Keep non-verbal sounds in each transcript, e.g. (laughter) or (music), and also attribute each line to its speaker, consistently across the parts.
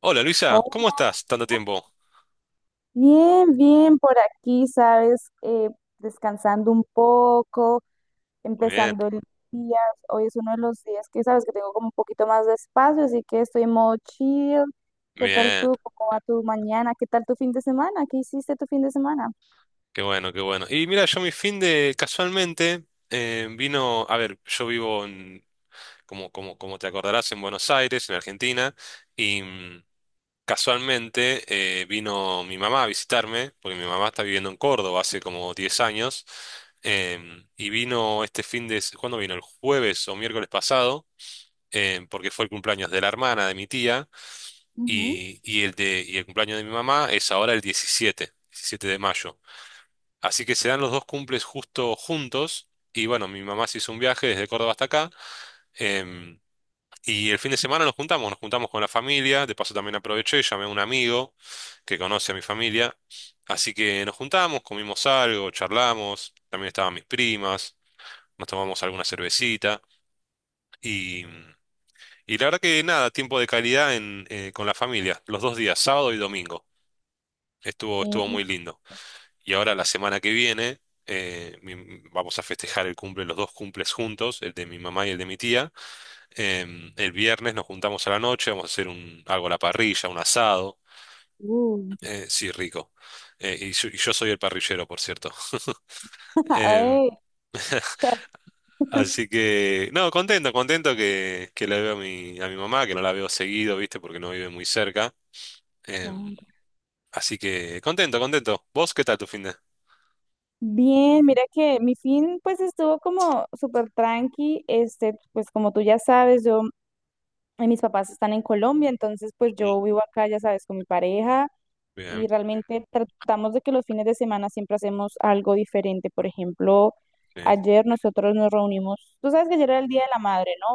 Speaker 1: Hola Luisa,
Speaker 2: Oh,
Speaker 1: ¿cómo estás? Tanto tiempo.
Speaker 2: bien, bien por aquí, ¿sabes? Descansando un poco,
Speaker 1: Muy bien,
Speaker 2: empezando el día. Hoy es uno de los días que, ¿sabes? Que tengo como un poquito más de espacio, así que estoy en modo chill. ¿Qué tal
Speaker 1: bien,
Speaker 2: tú? ¿Cómo va tu mañana? ¿Qué tal tu fin de semana? ¿Qué hiciste tu fin de semana?
Speaker 1: qué bueno, qué bueno. Y mira, yo mi fin de casualmente vino, a ver, yo vivo en, como te acordarás, en Buenos Aires, en Argentina, y casualmente vino mi mamá a visitarme, porque mi mamá está viviendo en Córdoba hace como 10 años, y vino este fin de, ¿cuándo vino? El jueves o miércoles pasado, porque fue el cumpleaños de la hermana de mi tía.
Speaker 2: Ujú.
Speaker 1: Y el cumpleaños de mi mamá es ahora el diecisiete de mayo. Así que se dan los dos cumples justo juntos. Y bueno, mi mamá se hizo un viaje desde Córdoba hasta acá. em, y el fin de semana nos juntamos con la familia. De paso también aproveché, llamé a un amigo que conoce a mi familia. Así que nos juntamos, comimos algo, charlamos. También estaban mis primas, nos tomamos alguna cervecita. Y, y la verdad que nada, tiempo de calidad con la familia, los dos días, sábado y domingo. Estuvo
Speaker 2: Eh,
Speaker 1: muy lindo. Y ahora la semana que viene vamos a festejar el cumple, los dos cumples juntos, el de mi mamá y el de mi tía. El viernes nos juntamos a la noche, vamos a hacer algo a la parrilla, un asado.
Speaker 2: Uy,
Speaker 1: Sí, rico. Y yo soy el parrillero, por cierto. (laughs)
Speaker 2: (laughs)
Speaker 1: Em,
Speaker 2: ay, chef.
Speaker 1: así que, no, contento, contento que la veo a mi mamá, que no la veo seguido, ¿viste? Porque no vive muy cerca.
Speaker 2: Claro.
Speaker 1: Em, así que, contento, contento. ¿Vos qué tal tu fin de?
Speaker 2: Bien, mira que mi fin pues estuvo como súper tranqui, este, pues como tú ya sabes, yo. Y mis papás están en Colombia, entonces pues
Speaker 1: Ujú.
Speaker 2: yo vivo acá, ya sabes, con mi pareja
Speaker 1: Bien.
Speaker 2: y realmente tratamos de que los fines de semana siempre hacemos algo diferente. Por ejemplo,
Speaker 1: Sí.
Speaker 2: ayer nosotros nos reunimos, tú sabes que ayer era el Día de la Madre, ¿no?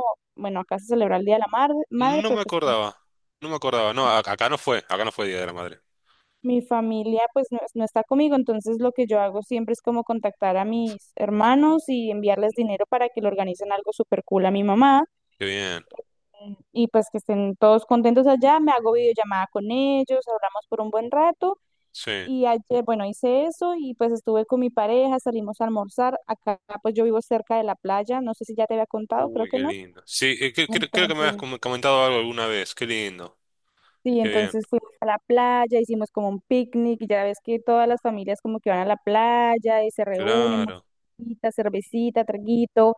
Speaker 2: Bueno, acá se celebra el Día de la Mar- Madre,
Speaker 1: No
Speaker 2: pero
Speaker 1: me
Speaker 2: pues
Speaker 1: acordaba, no me acordaba. No, acá no fue Día de la Madre.
Speaker 2: mi familia pues no está conmigo, entonces lo que yo hago siempre es como contactar a mis hermanos y enviarles dinero para que le organicen algo súper cool a mi mamá.
Speaker 1: Qué bien,
Speaker 2: Y pues que estén todos contentos allá, me hago videollamada con ellos, hablamos por un buen rato
Speaker 1: sí.
Speaker 2: y ayer, bueno, hice eso y pues estuve con mi pareja, salimos a almorzar, acá pues yo vivo cerca de la playa, no sé si ya te había contado, creo
Speaker 1: Uy,
Speaker 2: que
Speaker 1: qué
Speaker 2: no.
Speaker 1: lindo. Sí, creo que me habías
Speaker 2: Entonces,
Speaker 1: comentado algo alguna vez. Qué lindo,
Speaker 2: sí,
Speaker 1: qué bien.
Speaker 2: entonces fuimos a la playa, hicimos como un picnic, y ya ves que todas las familias como que van a la playa y se reúnen,
Speaker 1: Claro,
Speaker 2: musiquita, cervecita, traguito,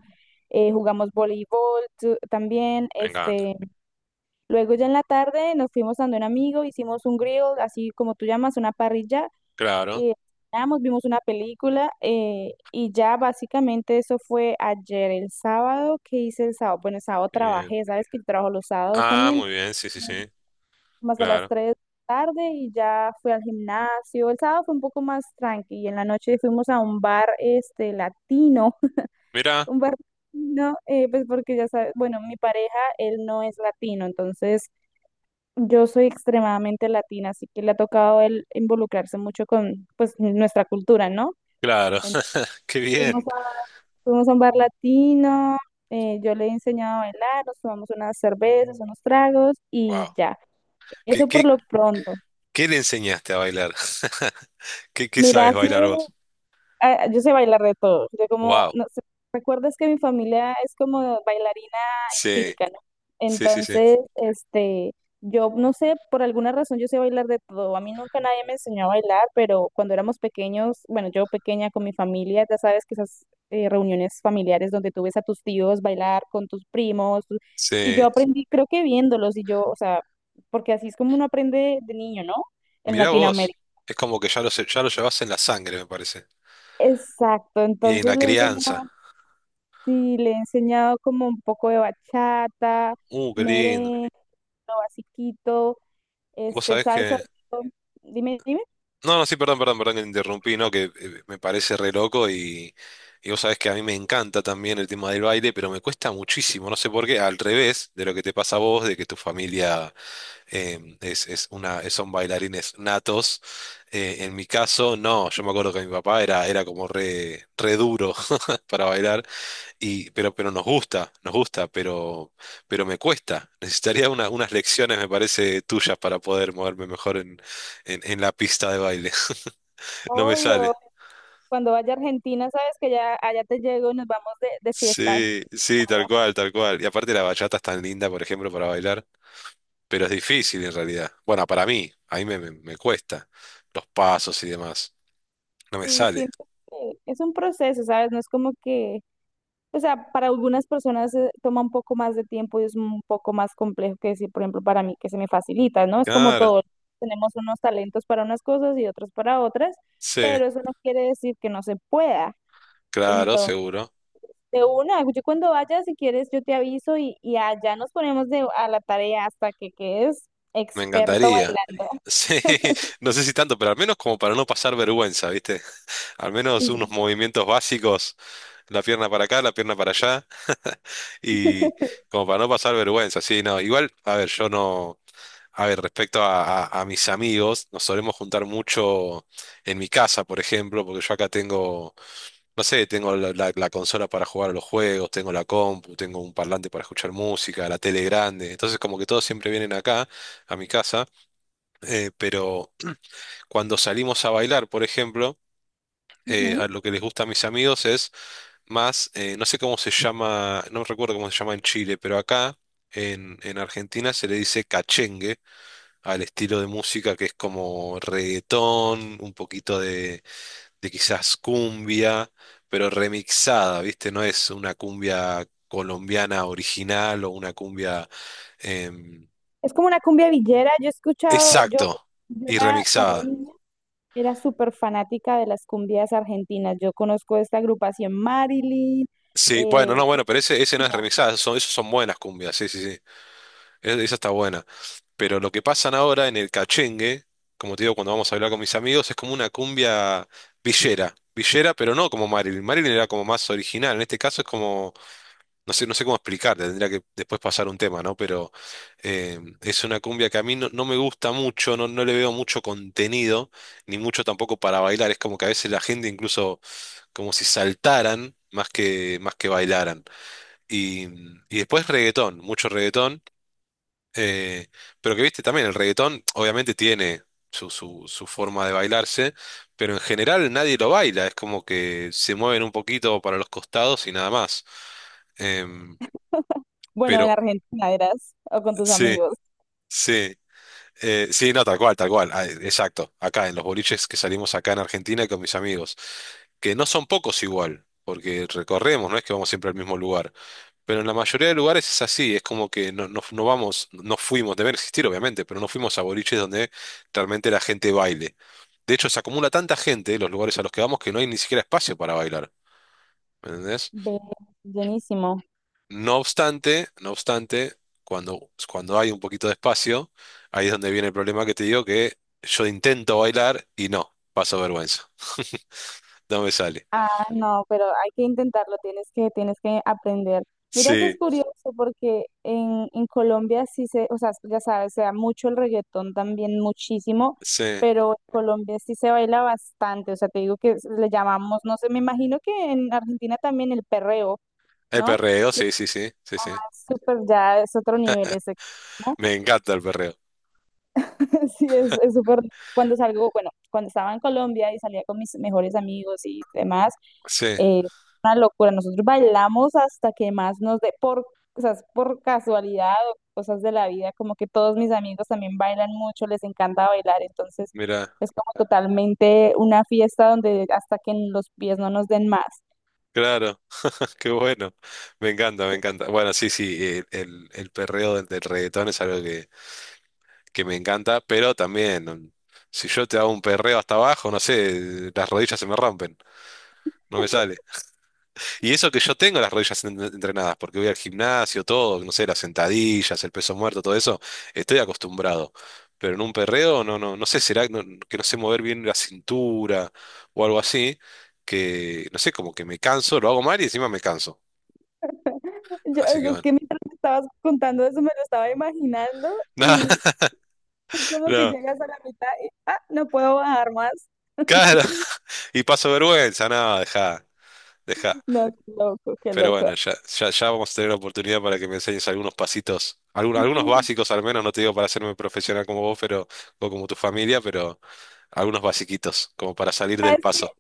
Speaker 2: jugamos voleibol también,
Speaker 1: me encanta.
Speaker 2: este, luego ya en la tarde nos fuimos dando un amigo, hicimos un grill, así como tú llamas, una parrilla,
Speaker 1: Claro,
Speaker 2: eh, cenamos, vimos una película y ya básicamente eso fue ayer, el sábado, ¿qué hice el sábado? Bueno, el sábado
Speaker 1: qué bien.
Speaker 2: trabajé, sabes que yo trabajo los sábados
Speaker 1: Ah,
Speaker 2: también,
Speaker 1: muy bien, sí, sí, sí,
Speaker 2: más a las
Speaker 1: claro.
Speaker 2: 3 de la tarde y ya fui al gimnasio. El sábado fue un poco más tranqui y en la noche fuimos a un bar este latino, (laughs)
Speaker 1: Mira,
Speaker 2: un bar latino, pues porque ya sabes, bueno, mi pareja, él no es latino, entonces yo soy extremadamente latina, así que le ha tocado el involucrarse mucho con pues nuestra cultura, ¿no?
Speaker 1: claro,
Speaker 2: Entonces,
Speaker 1: (laughs) qué
Speaker 2: fuimos
Speaker 1: bien.
Speaker 2: a, fuimos a un bar latino, yo le he enseñado a bailar, nos tomamos unas cervezas, unos tragos
Speaker 1: Wow.
Speaker 2: y ya.
Speaker 1: ¿Qué,
Speaker 2: Eso por
Speaker 1: qué,
Speaker 2: lo pronto.
Speaker 1: qué le enseñaste a bailar? (laughs) ¿Qué
Speaker 2: Mira,
Speaker 1: sabes
Speaker 2: ha
Speaker 1: bailar
Speaker 2: sido
Speaker 1: vos?
Speaker 2: yo sé bailar de todo. Yo como,
Speaker 1: Wow.
Speaker 2: no sé, recuerdas que mi familia es como bailarina
Speaker 1: Sí,
Speaker 2: empírica, ¿no?
Speaker 1: sí, sí, sí.
Speaker 2: Entonces, este, yo no sé, por alguna razón yo sé bailar de todo. A mí nunca nadie me enseñó a bailar, pero cuando éramos pequeños, bueno, yo pequeña con mi familia, ya sabes que esas reuniones familiares donde tú ves a tus tíos bailar con tus primos, tu- y yo
Speaker 1: Sí.
Speaker 2: aprendí, creo que viéndolos, y yo, o sea, porque así es como uno aprende de niño, ¿no? En
Speaker 1: Mirá vos.
Speaker 2: Latinoamérica.
Speaker 1: Es como que ya lo, ya lo llevas en la sangre, me parece.
Speaker 2: Exacto,
Speaker 1: Y en
Speaker 2: entonces
Speaker 1: la
Speaker 2: le enseñó.
Speaker 1: crianza.
Speaker 2: Sí, le he enseñado como un poco de bachata,
Speaker 1: Qué lindo.
Speaker 2: merengue, lo basiquito,
Speaker 1: Vos
Speaker 2: este,
Speaker 1: sabés
Speaker 2: salsa.
Speaker 1: que...
Speaker 2: Dime, dime.
Speaker 1: No, no, sí, perdón, perdón, perdón que te interrumpí, ¿no? Que me parece re loco y vos sabés que a mí me encanta también el tema del baile, pero me cuesta muchísimo, no sé por qué, al revés de lo que te pasa a vos, de que tu familia son bailarines natos. En mi caso, no, yo me acuerdo que mi papá era como re duro (laughs) para bailar. Y, pero nos gusta, pero me cuesta. (laughs) Necesitaría unas lecciones, me parece, tuyas para poder moverme mejor en la pista de baile. (laughs) No me sale.
Speaker 2: Obvio, cuando vaya a Argentina, sabes que ya allá te llego y nos vamos de fiesta.
Speaker 1: Sí, sí, tal cual, tal cual. Y aparte la bachata es tan linda, por ejemplo, para bailar, pero es difícil en realidad. Bueno, para mí, a mí me cuesta los pasos y demás. No me
Speaker 2: Sí,
Speaker 1: sale.
Speaker 2: siento que es un proceso, ¿sabes? No es como que. O sea, para algunas personas toma un poco más de tiempo y es un poco más complejo que decir, por ejemplo, para mí que se me facilita, ¿no? Es como
Speaker 1: Claro,
Speaker 2: todo, tenemos unos talentos para unas cosas y otros para otras,
Speaker 1: sí,
Speaker 2: pero eso no quiere decir que no se pueda.
Speaker 1: claro,
Speaker 2: Entonces,
Speaker 1: seguro.
Speaker 2: de una, yo cuando vaya, si quieres, yo te aviso y allá nos ponemos de, a la tarea hasta que quedes
Speaker 1: Me
Speaker 2: experto
Speaker 1: encantaría. (laughs)
Speaker 2: bailando.
Speaker 1: Sí, no sé si tanto, pero al menos como para no pasar vergüenza, ¿viste? Al menos
Speaker 2: Sí, sí,
Speaker 1: unos
Speaker 2: sí.
Speaker 1: movimientos básicos, la pierna para acá, la pierna para allá, (laughs) y como para no pasar vergüenza, sí, no, igual, a ver, yo no, a ver, respecto a, a mis amigos, nos solemos juntar mucho en mi casa, por ejemplo, porque yo acá tengo, no sé, tengo la consola para jugar a los juegos, tengo la compu, tengo un parlante para escuchar música, la tele grande, entonces como que todos siempre vienen acá, a mi casa, pero cuando salimos a bailar, por ejemplo,
Speaker 2: Ujú.
Speaker 1: a lo que les gusta a mis amigos es más, no sé cómo se llama, no recuerdo cómo se llama en Chile, pero acá en Argentina se le dice cachengue al estilo de música que es como reggaetón, un poquito de quizás cumbia, pero remixada, ¿viste? No es una cumbia colombiana original o una cumbia... em,
Speaker 2: Es como una cumbia villera, yo he escuchado,
Speaker 1: exacto,
Speaker 2: yo
Speaker 1: y
Speaker 2: era cuando era
Speaker 1: remixada.
Speaker 2: niña, era súper fanática de las cumbias argentinas. Yo conozco esta agrupación Marilyn.
Speaker 1: Sí, bueno,
Speaker 2: eh,
Speaker 1: no, bueno, pero ese no es remixada, esas son buenas cumbias, sí, sí, sí, esa está buena. Pero lo que pasan ahora en el cachengue, como te digo, cuando vamos a hablar con mis amigos, es como una cumbia villera. Villera, pero no como Marilyn. Marilyn era como más original. En este caso es como, no sé, no sé cómo explicarte, tendría que después pasar un tema, ¿no? Pero es una cumbia que a mí no, no me gusta mucho, no, no le veo mucho contenido, ni mucho tampoco para bailar. Es como que a veces la gente incluso como si saltaran más que bailaran. Y, y después reggaetón, mucho reggaetón eh, pero que viste también, el reggaetón obviamente tiene su forma de bailarse, pero en general nadie lo baila, es como que se mueven un poquito para los costados y nada más. Em,
Speaker 2: bueno, en
Speaker 1: pero
Speaker 2: Argentina eras o con tus
Speaker 1: sí,
Speaker 2: amigos.
Speaker 1: sí, sí, no, tal cual, ah, exacto, acá en los boliches que salimos acá en Argentina con mis amigos, que no son pocos igual, porque recorremos, no es que vamos siempre al mismo lugar. Pero en la mayoría de lugares es así, es como que no, no vamos, no fuimos, deben existir obviamente, pero no fuimos a boliches donde realmente la gente baile. De hecho, se acumula tanta gente en los lugares a los que vamos que no hay ni siquiera espacio para bailar, ¿me entendés?
Speaker 2: Ve, buenísimo.
Speaker 1: No obstante, no obstante, cuando hay un poquito de espacio, ahí es donde viene el problema que te digo que yo intento bailar y no, paso vergüenza, (laughs) no me sale.
Speaker 2: Ah, no, pero hay que intentarlo, tienes que aprender. Mira que es
Speaker 1: Sí,
Speaker 2: curioso porque en Colombia sí se, o sea, ya sabes, se da mucho el reggaetón también, muchísimo,
Speaker 1: sí.
Speaker 2: pero en Colombia sí se baila bastante, o sea, te digo que le llamamos, no sé, me imagino que en Argentina también el perreo,
Speaker 1: El
Speaker 2: ¿no?
Speaker 1: perreo, sí, sí, sí, sí, sí.
Speaker 2: Súper, ya es otro nivel, es extremo.
Speaker 1: Me encanta el perreo.
Speaker 2: (laughs) Sí, es súper. Cuando salgo, bueno, cuando estaba en Colombia y salía con mis mejores amigos y demás,
Speaker 1: Sí,
Speaker 2: eh, una locura. Nosotros bailamos hasta que más nos dé por, o sea, por casualidad o cosas de la vida, como que todos mis amigos también bailan mucho, les encanta bailar, entonces
Speaker 1: mira,
Speaker 2: es como totalmente una fiesta donde hasta que los pies no nos den más.
Speaker 1: claro. Qué bueno, me encanta, me encanta. Bueno, sí, sí, el perreo del reggaetón es algo que me encanta, pero también, si yo te hago un perreo hasta abajo, no sé, las rodillas se me rompen, no me sale. Y eso que yo tengo las rodillas entrenadas, porque voy al gimnasio, todo, no sé, las sentadillas, el peso muerto, todo eso, estoy acostumbrado. Pero en un perreo, no, no, no sé, será que no sé mover bien la cintura o algo así, que, no sé, como que me canso, lo hago mal y encima me canso.
Speaker 2: (laughs) Yo,
Speaker 1: Así que
Speaker 2: es
Speaker 1: bueno.
Speaker 2: que mientras me estabas contando eso me lo estaba imaginando
Speaker 1: (laughs)
Speaker 2: y
Speaker 1: Nada.
Speaker 2: es como que
Speaker 1: (laughs)
Speaker 2: llegas a la mitad y, ah, no puedo bajar más.
Speaker 1: Claro,
Speaker 2: (laughs)
Speaker 1: (laughs) y paso vergüenza, nada, deja, deja.
Speaker 2: No, qué loco, qué
Speaker 1: Pero
Speaker 2: loco.
Speaker 1: bueno, ya, ya, ya vamos a tener la oportunidad para que me enseñes algunos pasitos, algunos
Speaker 2: Sí.
Speaker 1: básicos al menos, no te digo para hacerme profesional como vos, pero, o como tu familia, pero algunos basiquitos, como para salir del
Speaker 2: ¿Sabes qué?
Speaker 1: paso.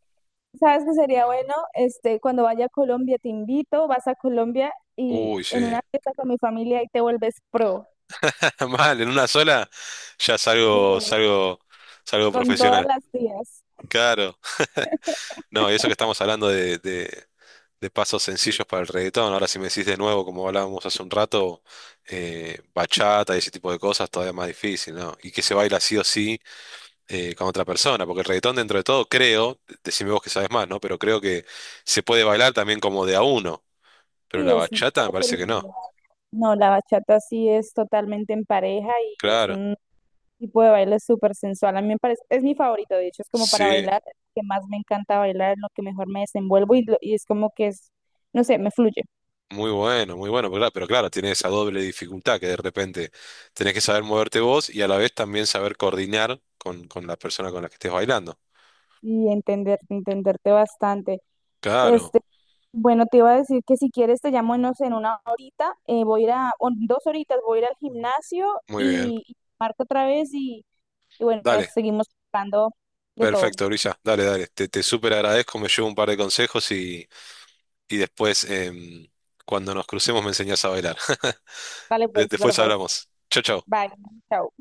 Speaker 2: ¿Sabes qué sería bueno? Este, cuando vaya a Colombia, te invito, vas a Colombia y
Speaker 1: Uy,
Speaker 2: en
Speaker 1: sí.
Speaker 2: una fiesta con mi familia y te vuelves pro.
Speaker 1: (laughs) Mal, en una sola ya
Speaker 2: Sí,
Speaker 1: salgo, salgo, salgo
Speaker 2: con todas
Speaker 1: profesional.
Speaker 2: las tías.
Speaker 1: Claro. (laughs) No, y eso que estamos hablando de de pasos sencillos para el reggaetón. Ahora, si me decís de nuevo, como hablábamos hace un rato, bachata y ese tipo de cosas, todavía más difícil, ¿no? Y que se baila sí o sí con otra persona, porque el reggaetón dentro de todo, creo, decime vos que sabes más, ¿no? Pero creo que se puede bailar también como de a uno, pero
Speaker 2: Sí,
Speaker 1: la
Speaker 2: es
Speaker 1: bachata
Speaker 2: puede
Speaker 1: me
Speaker 2: ser
Speaker 1: parece que
Speaker 2: mi
Speaker 1: no.
Speaker 2: idea. No, la bachata sí es totalmente en pareja y es
Speaker 1: Claro,
Speaker 2: un tipo de baile es súper sensual. A mí me parece, es mi favorito, de hecho, es como para
Speaker 1: sí.
Speaker 2: bailar, que más me encanta bailar, en lo que mejor me desenvuelvo y, lo- y es como que es, no sé, me fluye
Speaker 1: Muy bueno, muy bueno, pero claro, tiene esa doble dificultad que de repente tenés que saber moverte vos y a la vez también saber coordinar con la persona con la que estés bailando.
Speaker 2: y entender, entenderte bastante.
Speaker 1: Claro,
Speaker 2: Este, bueno, te iba a decir que si quieres te llamo, no sé, en 1 horita, voy a ir a, o en 2 horitas, voy a ir al gimnasio
Speaker 1: muy bien.
Speaker 2: y marco otra vez y bueno,
Speaker 1: Dale.
Speaker 2: seguimos hablando de todo.
Speaker 1: Perfecto, Brisa. Dale, dale. Te súper agradezco, me llevo un par de consejos y después, cuando nos crucemos, me enseñás a bailar. (laughs)
Speaker 2: Dale pues, dale
Speaker 1: Después
Speaker 2: pues.
Speaker 1: hablamos. Chau, chau.
Speaker 2: Bye. Chao.